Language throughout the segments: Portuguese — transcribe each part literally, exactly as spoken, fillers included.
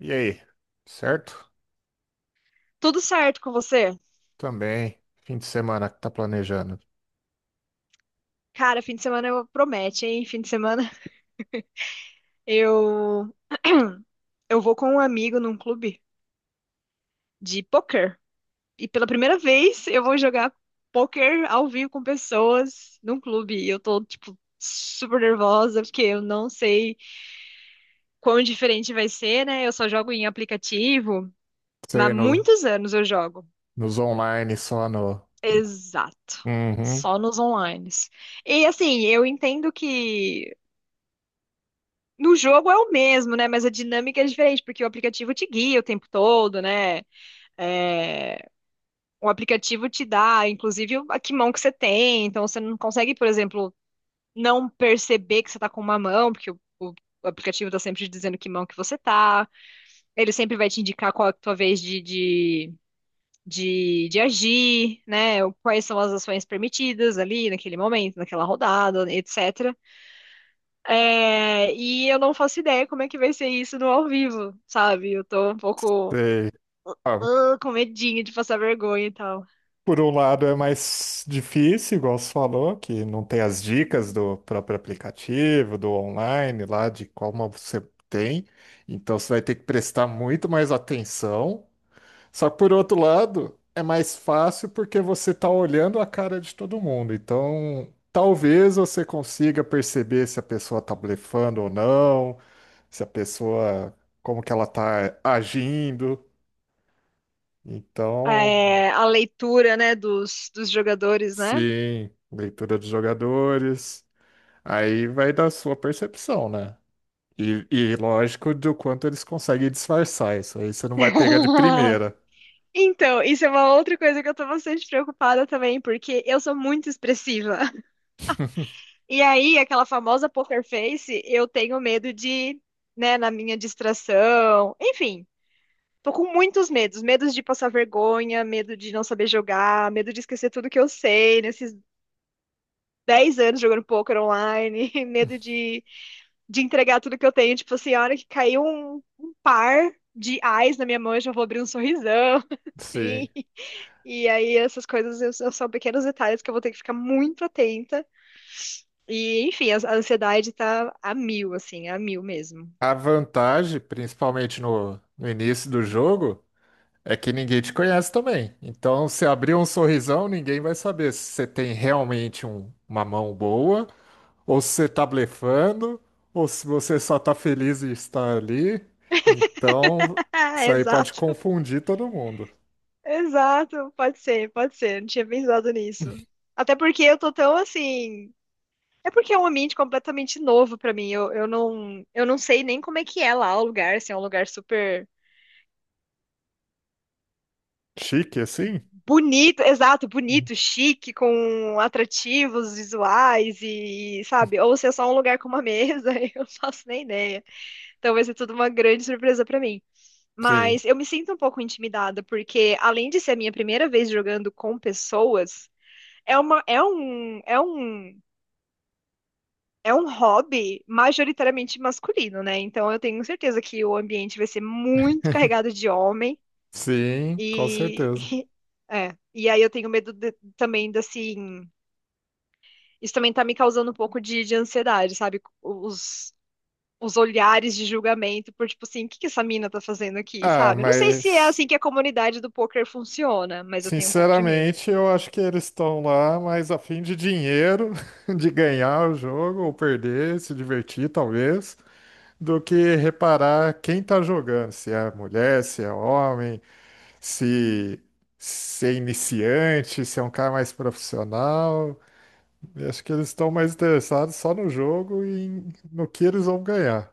E aí, certo? Tudo certo com você? Também, fim de semana que tá planejando. Cara, fim de semana eu promete, hein? Fim de semana eu eu vou com um amigo num clube de poker. E pela primeira vez eu vou jogar poker ao vivo com pessoas num clube. E eu tô, tipo, super nervosa, porque eu não sei quão diferente vai ser, né? Eu só jogo em aplicativo, mas há Você no, muitos anos eu jogo. nos online, só no. Exato. Uhum. Só nos online. E assim, eu entendo que no jogo é o mesmo, né? Mas a dinâmica é diferente, porque o aplicativo te guia o tempo todo, né? É, o aplicativo te dá, inclusive, a que mão que você tem. Então, você não consegue, por exemplo, não perceber que você tá com uma mão, porque o, o- o aplicativo tá sempre te dizendo que mão que você tá. Ele sempre vai te indicar qual é a tua vez de, de, de, de agir, né? Quais são as ações permitidas ali naquele momento, naquela rodada, et cetera. É, e eu não faço ideia como é que vai ser isso no ao vivo, sabe? Eu tô um pouco Sei. Ah, ah, com medinho de passar vergonha e tal. por um lado é mais difícil, igual você falou, que não tem as dicas do próprio aplicativo, do online lá, de como você tem. Então você vai ter que prestar muito mais atenção. Só que por outro lado, é mais fácil porque você está olhando a cara de todo mundo. Então, talvez você consiga perceber se a pessoa está blefando ou não, se a pessoa, como que ela está agindo. Então, É, a leitura, né, dos, dos jogadores, né? sim, leitura dos jogadores. Aí vai da sua percepção, né? E, e lógico do quanto eles conseguem disfarçar isso. Aí você não vai pegar de primeira. Então, isso é uma outra coisa que eu tô bastante preocupada também, porque eu sou muito expressiva. E aí, aquela famosa poker face, eu tenho medo de, né, na minha distração, enfim. Tô com muitos medos, medos de passar vergonha, medo de não saber jogar, medo de esquecer tudo que eu sei nesses dez anos jogando poker online, medo de, de entregar tudo que eu tenho. Tipo assim, a hora que caiu um, um par de ais na minha mão, eu já vou abrir um sorrisão, assim. Sim. E aí essas coisas eu- são pequenos detalhes que eu vou ter que ficar muito atenta. E, enfim, a a ansiedade tá a mil, assim, a mil mesmo. A vantagem, principalmente no, no início do jogo, é que ninguém te conhece também. Então, se abrir um sorrisão, ninguém vai saber se você tem realmente um- uma mão boa, ou se você tá blefando, ou se você só tá feliz em estar ali. Então, isso aí pode Exato. confundir todo mundo. Exato, pode ser, pode ser. Não tinha pensado nisso. Até porque eu tô tão assim. É porque é um ambiente completamente novo pra mim. Eu, eu não, eu não sei nem como é que é lá o lugar. Se é um lugar super Chique, assim? bonito, exato, bonito, chique, com atrativos visuais e, sabe? Ou se é só um lugar com uma mesa, eu não faço nem ideia. Então vai ser tudo uma grande surpresa pra mim. Sim. Mas eu me sinto um pouco intimidada, porque além de ser a minha primeira vez jogando com pessoas, é uma, é um, é um, é um hobby majoritariamente masculino, né? Então eu tenho certeza que o ambiente vai ser muito carregado de homem Sim, com e certeza. é, e aí eu tenho medo de- também de, assim, isso também tá me causando um pouco de, de ansiedade, sabe? Os Os olhares de julgamento por tipo assim, o que que essa mina tá fazendo aqui, Ah, sabe? Eu não sei se é mas. assim que a comunidade do poker funciona, mas eu tenho um pouco de medo. Sinceramente, eu acho que eles estão lá mais a fim de dinheiro, de ganhar o jogo ou perder, se divertir talvez, do que reparar quem tá jogando, se é mulher, se é homem, se, se é iniciante, se é um cara mais profissional. Eu acho que eles estão mais interessados só no jogo e em- no que eles vão ganhar.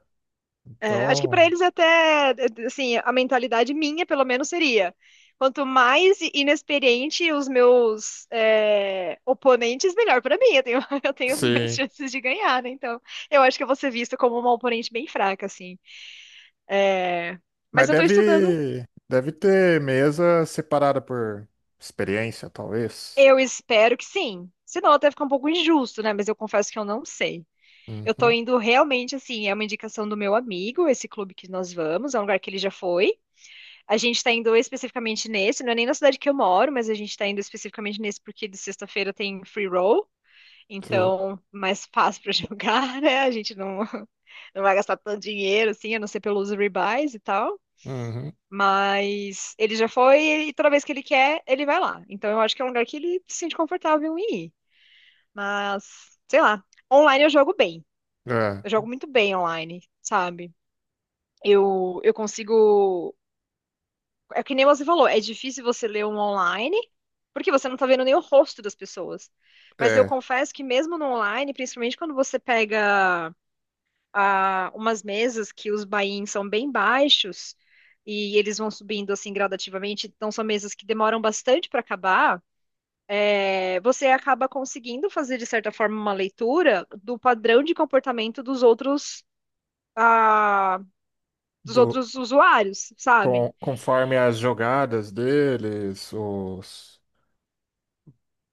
É, acho que para Então, eles até, assim, a mentalidade minha, pelo menos, seria. Quanto mais inexperiente os meus é, oponentes, melhor para mim. Eu tenho, eu tenho mais sim. chances de ganhar, né? Então, eu acho que eu vou ser vista como uma oponente bem fraca, assim. É, Mas mas eu estou estudando. deve, deve ter mesa separada por experiência, talvez. Eu espero que sim. Senão até fica um pouco injusto, né? Mas eu confesso que eu não sei. Eu tô Uhum, indo realmente, assim, é uma indicação do meu amigo, esse clube que nós vamos, é um lugar que ele já foi. A gente está indo especificamente nesse, não é nem na cidade que eu moro, mas a gente está indo especificamente nesse porque de sexta-feira tem free roll, sim. então mais fácil para jogar, né? A gente não, não vai gastar tanto dinheiro, assim, a não ser pelos rebuys e tal. Uhum. Mas ele já foi e toda vez que ele quer, ele vai lá. Então eu acho que é um lugar que ele se sente confortável em ir. Mas, sei lá, online eu jogo bem. Eu É, jogo muito bem online, sabe? Eu, eu consigo. É que nem você falou, é difícil você ler um online, porque você não tá vendo nem o rosto das pessoas. Mas eu é. confesso que mesmo no online, principalmente quando você pega ah, umas mesas que os buy-ins são bem baixos e eles vão subindo assim gradativamente, então são mesas que demoram bastante para acabar, é, você acaba conseguindo fazer, de certa forma, uma leitura do padrão de comportamento dos outros, ah, dos Do, outros usuários, sabe? com, conforme as jogadas deles, os,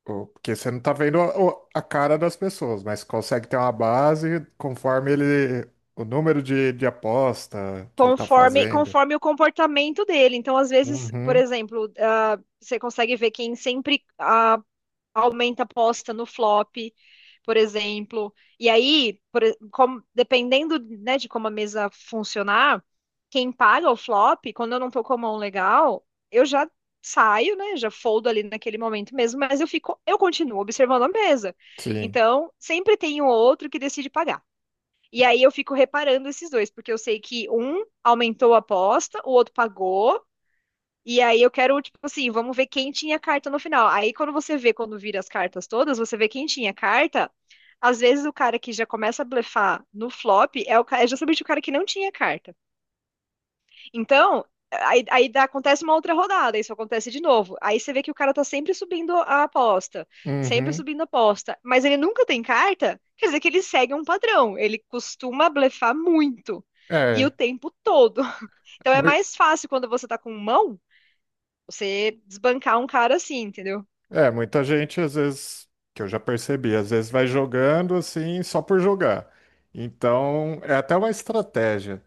o, porque você não tá vendo a, o- a cara das pessoas, mas consegue ter uma base conforme ele, o número de, de aposta que ele tá Conforme, fazendo. conforme o comportamento dele. Então, às vezes, por Uhum, exemplo, ah, você consegue ver quem sempre ah, aumenta a aposta no flop, por exemplo. E aí, por e- como- dependendo, né, de como a mesa funcionar, quem paga o flop, quando eu não tô com a mão legal, eu já saio, né, já foldo ali naquele momento mesmo, mas eu fico, eu continuo observando a mesa. sim. Então, sempre tem o outro que decide pagar. E aí eu fico reparando esses dois, porque eu sei que um aumentou a aposta, o outro pagou. E aí eu quero, tipo assim, vamos ver quem tinha carta no final. Aí quando você vê, quando vira as cartas todas, você vê quem tinha carta. Às vezes o cara que já começa a blefar no flop é, o, ca- é justamente o cara que não tinha carta. Então, aí, aí dá- acontece uma outra rodada, isso acontece de novo. Aí você vê que o cara tá sempre subindo a aposta, sempre Uhum. subindo a aposta, mas ele nunca tem carta, quer dizer que ele segue um padrão, ele costuma blefar muito. E o É, tempo todo. Então é mui- mais fácil quando você tá com mão, você desbancar um cara assim, entendeu? é, muita gente às vezes, que eu já percebi, às vezes vai jogando assim só por jogar. Então, é até uma estratégia.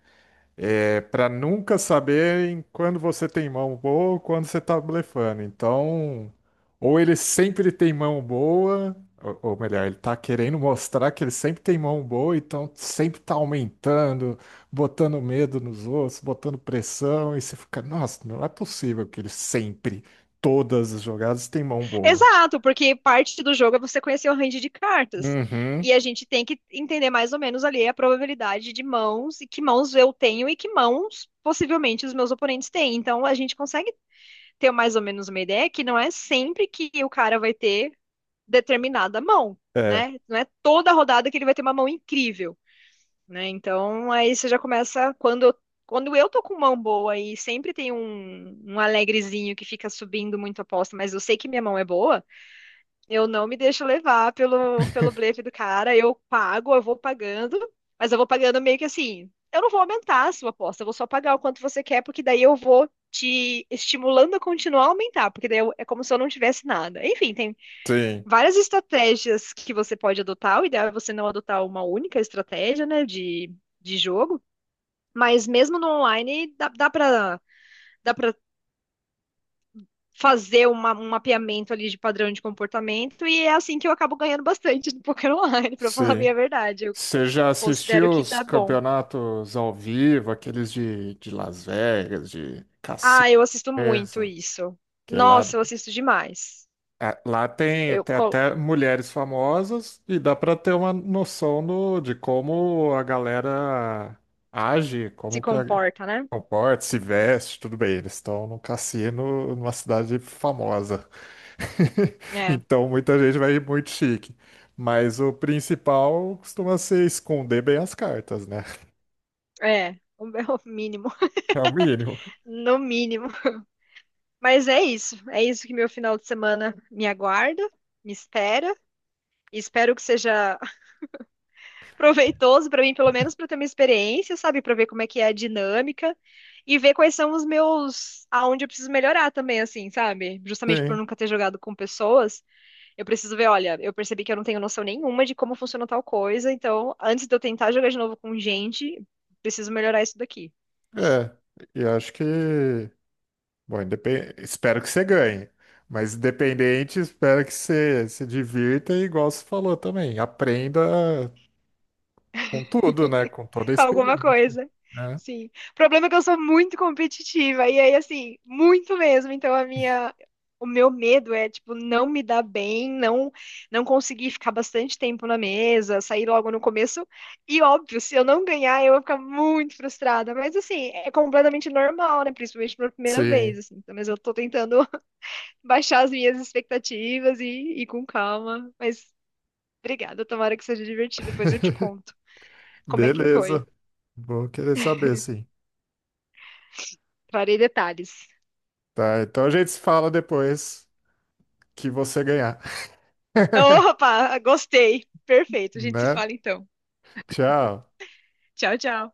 É para nunca saber em quando você tem mão boa ou quando você tá blefando. Então, ou ele sempre tem mão boa, ou, ou melhor, ele tá querendo mostrar que ele sempre tem mão boa, então sempre tá aumentando, botando medo nos outros, botando pressão, e você fica, nossa, não é possível que ele sempre, todas as jogadas, tem mão boa. Exato, porque parte do jogo é você conhecer o range de cartas. Uhum, E a gente tem que entender mais ou menos ali a probabilidade de mãos e que mãos eu tenho e que mãos possivelmente os meus oponentes têm. Então a gente consegue ter mais ou menos uma ideia que não é sempre que o cara vai ter determinada mão, é, né? Não é toda rodada que ele vai ter uma mão incrível, né? Então aí você já começa quando eu quando eu tô com mão boa e sempre tem um, um alegrezinho que fica subindo muito a aposta, mas eu sei que minha mão é boa, eu não me deixo levar pelo, pelo blefe do cara. Eu pago, eu vou pagando, mas eu vou pagando meio que assim. Eu não vou aumentar a sua aposta, eu vou só pagar o quanto você quer, porque daí eu vou te estimulando a continuar a aumentar, porque daí eu- é como se eu não tivesse nada. Enfim, tem sim, várias estratégias que você pode adotar. O ideal é você não adotar uma única estratégia, né, de, de jogo, mas mesmo no online dá, dá para fazer uma- um mapeamento ali de padrão de comportamento, e é assim que eu acabo ganhando bastante no poker online, pra falar bem sim. a minha verdade. Eu Você já considero assistiu que os dá bom. campeonatos ao vivo, aqueles de, de Las Vegas, de Ah, cassino, eu assisto muito mesmo, isso. que lá, Nossa, eu assisto demais. é, lá tem, Eu tem co- até mulheres famosas e dá para ter uma noção do, de como a galera age, Se como que a, comporta, né? comporta, se veste, tudo bem. Eles estão num cassino numa cidade famosa, É, então muita gente vai ir muito chique. Mas o principal costuma ser esconder bem as cartas, né? é, o meu mínimo, É o mínimo. no mínimo. Mas é isso, é isso que meu final de semana me aguarda, me espera. Espero que seja proveitoso para mim, pelo menos para ter uma experiência, sabe? Para ver como é que é a dinâmica e ver quais são os meus, aonde eu preciso melhorar também, assim, sabe? Justamente por Sim, nunca ter jogado com pessoas, eu preciso ver, olha, eu percebi que eu não tenho noção nenhuma de como funciona tal coisa, então antes de eu tentar jogar de novo com gente, preciso melhorar isso daqui. é. E acho que. Bom, independ... espero que você ganhe. Mas independente, espero que você se divirta e, igual você falou também, aprenda com tudo, né? Com toda a Com alguma experiência. coisa. Né? Sim. O problema é que eu sou muito competitiva. E aí, assim, muito mesmo. Então, a minha. O meu medo é, tipo, não me dar bem, não não conseguir ficar bastante tempo na mesa, sair logo no começo. E, óbvio, se eu não ganhar, eu vou ficar muito frustrada. Mas, assim, é completamente normal, né? Principalmente pela primeira vez, Sim. assim. Então, mas eu tô tentando baixar as minhas expectativas e ir com calma. Mas, obrigada. Tomara que seja divertido. Depois eu te conto como é que foi. Beleza. Vou querer saber, sim. Trarei detalhes. Tá, então a gente se fala depois que você ganhar, Opa, gostei. Perfeito. A gente se né? fala então. Tchau. Tchau, tchau.